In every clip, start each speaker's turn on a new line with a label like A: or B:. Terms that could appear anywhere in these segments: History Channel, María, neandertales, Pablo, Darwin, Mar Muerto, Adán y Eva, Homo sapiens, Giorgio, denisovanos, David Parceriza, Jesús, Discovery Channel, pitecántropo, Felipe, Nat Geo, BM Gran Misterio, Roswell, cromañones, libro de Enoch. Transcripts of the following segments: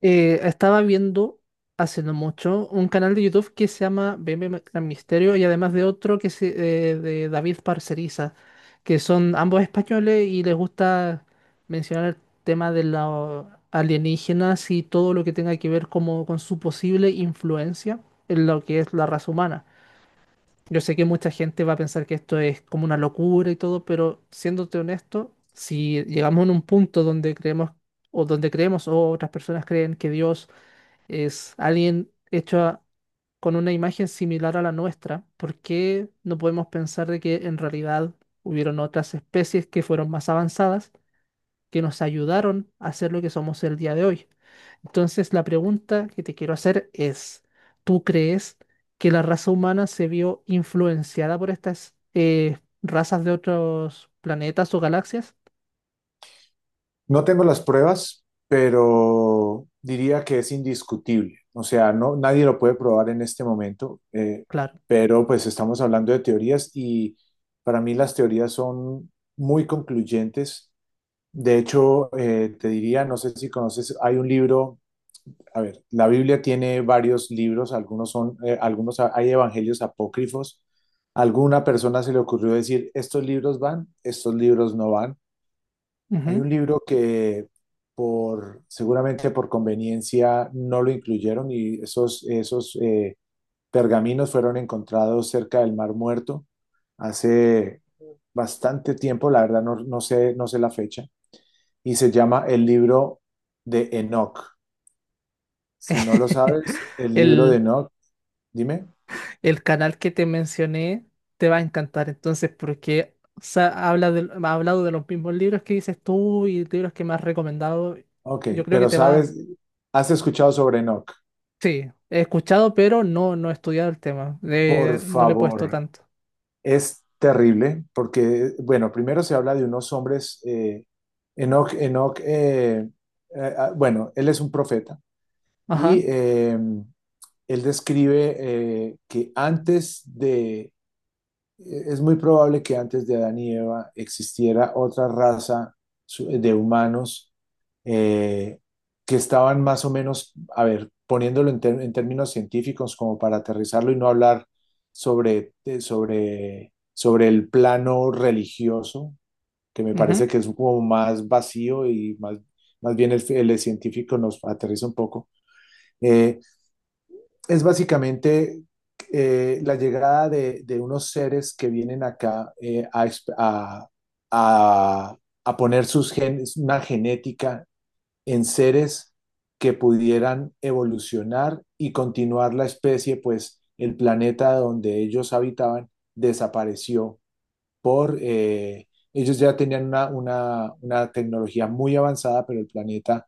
A: Estaba viendo hace no mucho un canal de YouTube que se llama BM Gran Misterio y además de otro que se, de David Parceriza, que son ambos españoles y les gusta mencionar el tema de los alienígenas y todo lo que tenga que ver como con su posible influencia en lo que es la raza humana. Yo sé que mucha gente va a pensar que esto es como una locura y todo, pero siéndote honesto, si llegamos en un punto donde creemos o otras personas creen que Dios es alguien hecho con una imagen similar a la nuestra, ¿por qué no podemos pensar de que en realidad hubieron otras especies que fueron más avanzadas, que nos ayudaron a ser lo que somos el día de hoy? Entonces, la pregunta que te quiero hacer es, ¿tú crees que la raza humana se vio influenciada por estas razas de otros planetas o galaxias?
B: No tengo las pruebas, pero diría que es indiscutible. O sea, no, nadie lo puede probar en este momento,
A: Claro.
B: pero pues estamos hablando de teorías y para mí las teorías son muy concluyentes. De hecho, te diría, no sé si conoces, hay un libro, a ver, la Biblia tiene varios libros, algunos son, algunos hay evangelios apócrifos. A alguna persona se le ocurrió decir, estos libros van, estos libros no van. Hay
A: Ujú.
B: un libro que por, seguramente por conveniencia no lo incluyeron, y esos, esos pergaminos fueron encontrados cerca del Mar Muerto hace bastante tiempo, la verdad no, no sé, no sé la fecha, y se llama el libro de Enoch. Si no lo sabes, el libro de
A: El,
B: Enoch, dime.
A: El canal que te mencioné te va a encantar entonces porque o sea, ha hablado de los mismos libros que dices tú y libros que me has recomendado.
B: Ok,
A: Yo creo que
B: pero
A: te vas...
B: sabes, has escuchado sobre Enoch.
A: Sí, he escuchado, pero no, no he estudiado el tema.
B: Por
A: No le he puesto
B: favor.
A: tanto.
B: Es terrible porque, bueno, primero se habla de unos hombres, Enoch, bueno, él es un profeta y
A: Ajá.
B: él describe que antes de es muy probable que antes de Adán y Eva existiera otra raza de humanos, eh, que estaban más o menos, a ver, poniéndolo en, en términos científicos, como para aterrizarlo y no hablar sobre, sobre el plano religioso, que me parece
A: Ujú.
B: que es como más vacío y, más, más bien el científico nos aterriza un poco. Eh, es básicamente la llegada de unos seres que vienen acá a, a- a poner sus genes, una genética en seres que pudieran evolucionar y continuar la especie, pues el planeta donde ellos habitaban desapareció por ellos ya tenían una, una tecnología muy avanzada, pero el planeta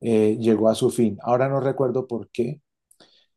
B: llegó a su fin. Ahora no recuerdo por qué,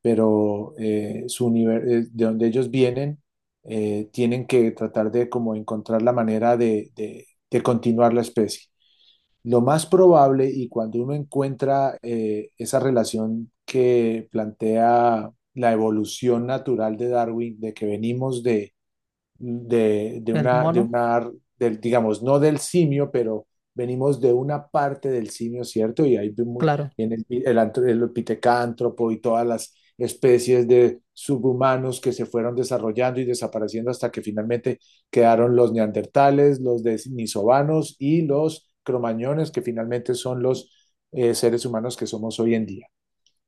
B: pero de donde ellos vienen, tienen que tratar de como encontrar la manera de continuar la especie. Lo más probable, y cuando uno encuentra esa relación que plantea la evolución natural de Darwin, de que venimos
A: El
B: de
A: mono.
B: una, del, digamos, no del simio, pero venimos de una parte del simio, ¿cierto? Y ahí vemos
A: Claro,
B: en el pitecántropo y todas las especies de subhumanos que se fueron desarrollando y desapareciendo hasta que finalmente quedaron los neandertales, los denisovanos y los cromañones, que finalmente son los seres humanos que somos hoy en día.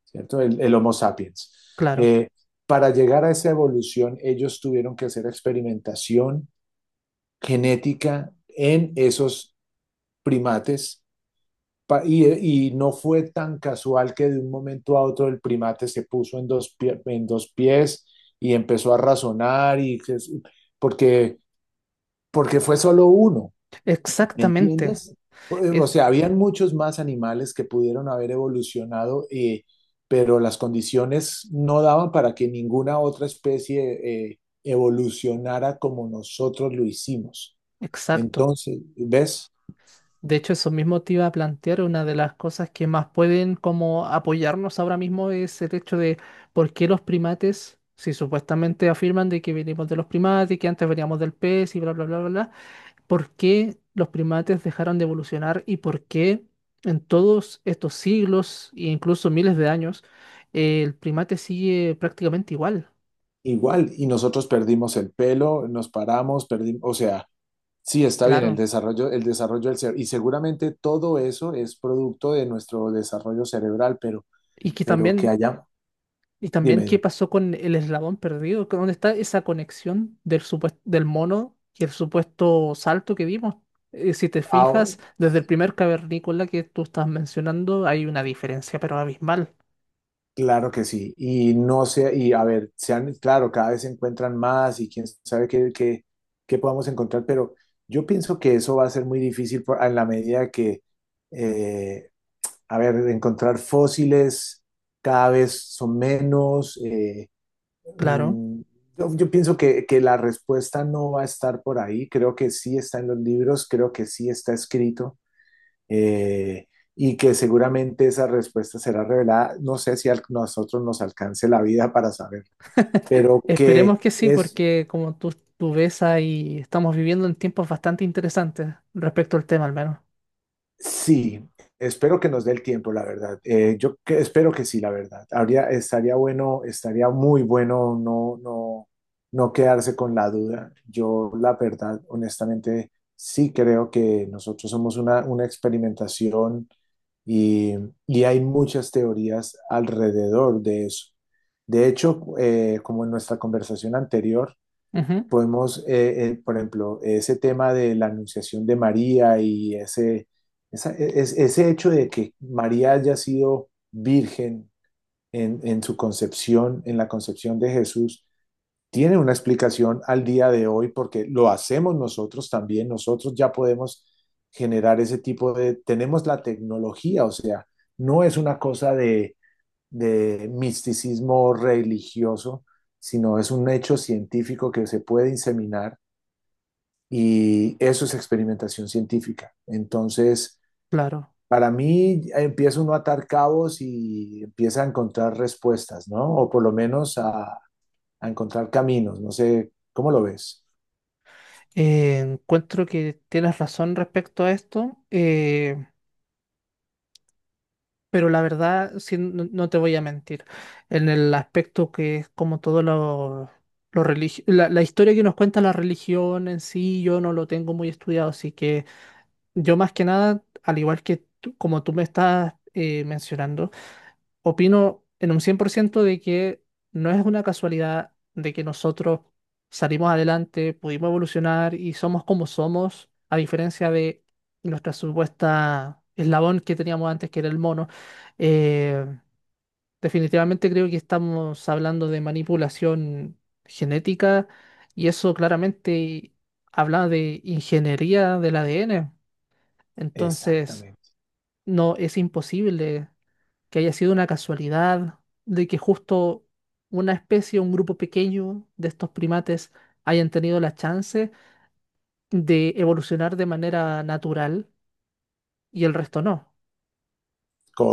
B: ¿Cierto? El Homo sapiens.
A: claro.
B: Eh, para llegar a esa evolución, ellos tuvieron que hacer experimentación genética en esos primates, y no fue tan casual que de un momento a otro el primate se puso en en dos pies y empezó a razonar, y porque, porque fue solo uno. ¿Me
A: Exactamente.
B: entiendes? Pues, O eh,
A: Es
B: sea, habían muchos más animales que pudieron haber evolucionado, pero las condiciones no daban para que ninguna otra especie evolucionara como nosotros lo hicimos.
A: Exacto.
B: Entonces, ¿ves?
A: De hecho, eso mismo te iba a plantear, una de las cosas que más pueden como apoyarnos ahora mismo es el hecho de por qué los primates, si supuestamente afirman de que venimos de los primates, que antes veníamos del pez y bla, bla, bla, bla, bla, ¿por qué los primates dejaron de evolucionar y por qué en todos estos siglos e incluso miles de años el primate sigue prácticamente igual?
B: Igual, y nosotros perdimos el pelo, nos paramos, perdimos, o sea, sí, está bien
A: Claro.
B: el desarrollo del cerebro, y seguramente todo eso es producto de nuestro desarrollo cerebral,
A: Y que
B: pero que
A: también.
B: haya,
A: Y también
B: dime,
A: qué
B: dime.
A: pasó con el eslabón perdido, ¿dónde está esa conexión del mono y el supuesto salto que vimos? Si te
B: Ah,
A: fijas, desde el primer cavernícola que tú estás mencionando hay una diferencia, pero abismal.
B: claro que sí. Y no sé, y a ver, sean, claro, cada vez se encuentran más y quién sabe qué, qué podamos encontrar, pero yo pienso que eso va a ser muy difícil en la medida que, eh, a ver, encontrar fósiles cada vez son menos.
A: Claro.
B: Mm, yo pienso que la respuesta no va a estar por ahí. Creo que sí está en los libros, creo que sí está escrito, eh, y que seguramente esa respuesta será revelada. No sé si a nosotros nos alcance la vida para saber, pero
A: Esperemos
B: que
A: que sí,
B: es.
A: porque tú ves ahí, estamos viviendo en tiempos bastante interesantes respecto al tema al menos.
B: Sí, espero que nos dé el tiempo, la verdad. Espero que sí, la verdad. Habría, estaría bueno, estaría muy bueno no, no, no quedarse con la duda. Yo, la verdad, honestamente, sí creo que nosotros somos una experimentación, y, y hay muchas teorías alrededor de eso. De hecho, como en nuestra conversación anterior,
A: Ujú,
B: podemos, por ejemplo, ese tema de la anunciación de María y ese, ese hecho de que María haya sido virgen en su concepción, en la concepción de Jesús, tiene una explicación al día de hoy porque lo hacemos nosotros también, nosotros ya podemos generar ese tipo de, tenemos la tecnología, o sea, no es una cosa de misticismo religioso, sino es un hecho científico que se puede inseminar y eso es experimentación científica. Entonces,
A: claro.
B: para mí empieza uno a atar cabos y empieza a encontrar respuestas, ¿no? O por lo menos a encontrar caminos, no sé, ¿cómo lo ves?
A: Encuentro que tienes razón respecto a esto. Pero la verdad, sí, no, no te voy a mentir, en el aspecto que es como la historia que nos cuenta la religión en sí, yo no lo tengo muy estudiado, así que yo más que nada, al igual que como tú me estás mencionando, opino en un 100% de que no es una casualidad de que nosotros salimos adelante, pudimos evolucionar y somos como somos, a diferencia de nuestra supuesta eslabón que teníamos antes, que era el mono. Eh, Definitivamente creo que estamos hablando de manipulación genética y eso claramente habla de ingeniería del ADN. Entonces,
B: Exactamente.
A: no es imposible que haya sido una casualidad, de que justo una especie, un grupo pequeño de estos primates hayan tenido la chance de evolucionar de manera natural y el resto no.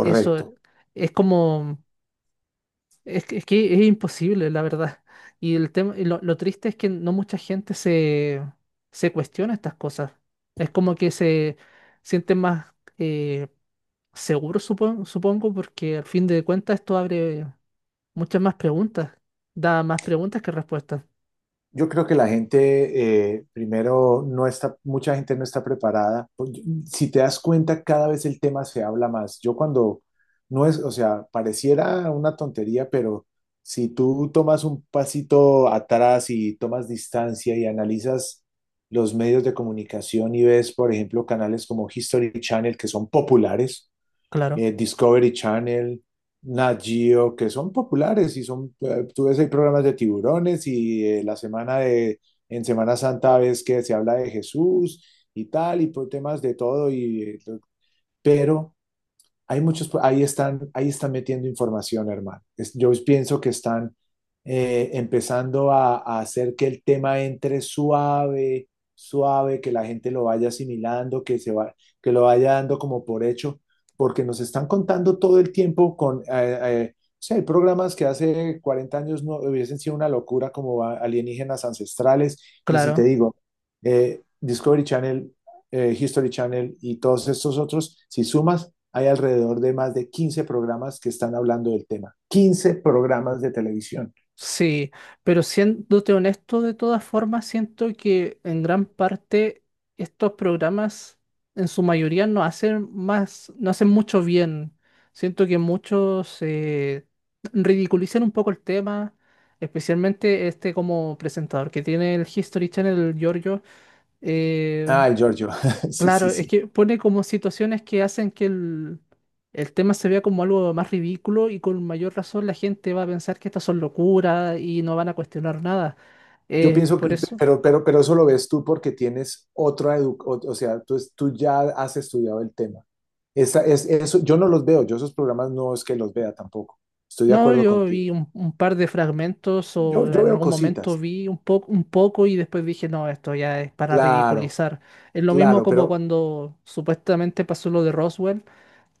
A: Eso es como, que es imposible, la verdad. Y el tema, y lo triste es que no mucha gente se cuestiona estas cosas. Es como que se sienten más seguros, supongo, porque al fin de cuentas esto abre muchas más preguntas. Da más preguntas que respuestas.
B: Yo creo que la gente, primero, no está, mucha gente no está preparada. Pues, si te das cuenta, cada vez el tema se habla más. No es, o sea, pareciera una tontería, pero si tú tomas un pasito atrás y tomas distancia y analizas los medios de comunicación y ves, por ejemplo, canales como History Channel, que son populares,
A: Claro,
B: Discovery Channel, Nat Geo, que son populares y son, tú ves, hay programas de tiburones y en Semana Santa ves que se habla de Jesús y tal, y por temas de todo, y, pero hay muchos, ahí están metiendo información, hermano. Yo pienso que están empezando a hacer que el tema entre suave, suave, que la gente lo vaya asimilando, que lo vaya dando como por hecho, porque nos están contando todo el tiempo con, o sea, hay programas que hace 40 años no hubiesen sido una locura como alienígenas ancestrales, y si te
A: claro.
B: digo, Discovery Channel, History Channel y todos estos otros, si sumas, hay alrededor de más de 15 programas que están hablando del tema. 15 programas de televisión.
A: Sí, pero siéndote honesto, de todas formas, siento que en gran parte estos programas, en su mayoría, no hacen más, no hacen mucho bien. Siento que muchos ridiculizan un poco el tema, especialmente este como presentador que tiene el History Channel, el Giorgio. eh,
B: Ay, Giorgio, sí, sí,
A: Claro, es
B: sí.
A: que pone como situaciones que hacen que el tema se vea como algo más ridículo y con mayor razón la gente va a pensar que estas son locuras y no van a cuestionar nada.
B: Yo pienso que,
A: Por eso.
B: pero eso lo ves tú porque tienes otra educación, o sea, tú ya has estudiado el tema. Eso, yo no los veo, yo esos programas no es que los vea tampoco. Estoy de
A: No,
B: acuerdo
A: yo
B: contigo.
A: vi un par de fragmentos o
B: Yo
A: en
B: veo
A: algún momento
B: cositas,
A: vi un poco y después dije, no, esto ya es para
B: claro,
A: ridiculizar. Es lo mismo
B: claro,
A: como
B: pero
A: cuando supuestamente pasó lo de Roswell.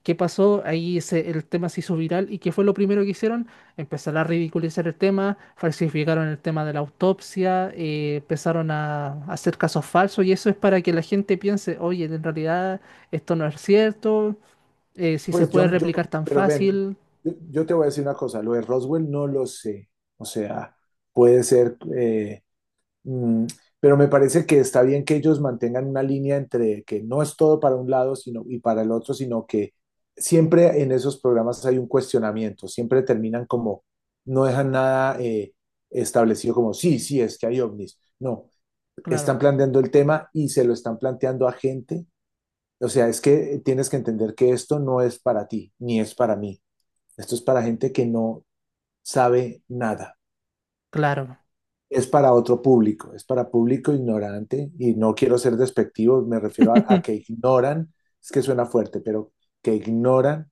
A: ¿Qué pasó? El tema se hizo viral y ¿qué fue lo primero que hicieron? Empezar a ridiculizar el tema, falsificaron el tema de la autopsia, empezaron a hacer casos falsos y eso es para que la gente piense, oye, en realidad esto no es cierto, si se
B: pues
A: puede replicar tan
B: pero ven,
A: fácil.
B: yo te voy a decir una cosa, lo de Roswell no lo sé, o sea, puede ser, Mm, pero me parece que está bien que ellos mantengan una línea entre que no es todo para un lado sino, y para el otro, sino que siempre en esos programas hay un cuestionamiento, siempre terminan como, no dejan nada establecido como, sí, sí, es que hay ovnis. No, están
A: Claro,
B: planteando el tema y se lo están planteando a gente. O sea, es que tienes que entender que esto no es para ti, ni es para mí. Esto es para gente que no sabe nada.
A: claro,
B: Es para otro público, es para público ignorante y no quiero ser despectivo, me refiero a que ignoran, es que suena fuerte, pero que ignoran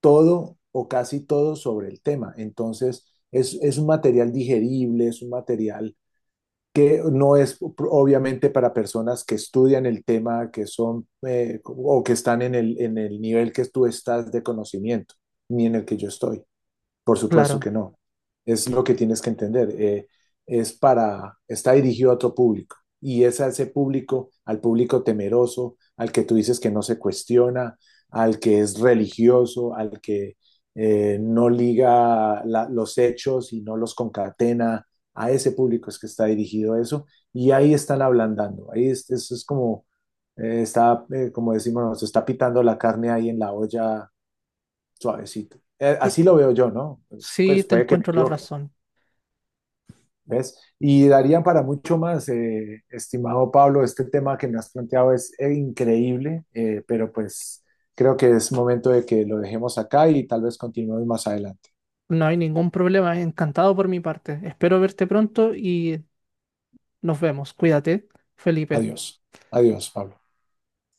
B: todo o casi todo sobre el tema. Entonces, es un material digerible, es un material que no es obviamente para personas que estudian el tema, que son o que están en el nivel que tú estás de conocimiento, ni en el que yo estoy. Por supuesto
A: claro.
B: que no. Es lo que tienes que entender. Es para, está dirigido a otro público. Y es a ese público, al público temeroso, al que tú dices que no se cuestiona, al que es religioso, al que no liga los hechos y no los concatena. A ese público es que está dirigido eso. Y ahí están ablandando. Ahí es, eso es como, como decimos, se está pitando la carne ahí en la olla. Suavecito.
A: Pero
B: Así lo veo yo, ¿no?
A: sí,
B: Pues
A: te
B: puede que me
A: encuentro la
B: equivoque,
A: razón.
B: ¿ves? Y darían para mucho más, estimado Pablo, este tema que me has planteado es increíble, pero pues creo que es momento de que lo dejemos acá y tal vez continuemos más adelante.
A: No hay ningún problema, encantado por mi parte. Espero verte pronto y nos vemos. Cuídate, Felipe.
B: Adiós, adiós, Pablo.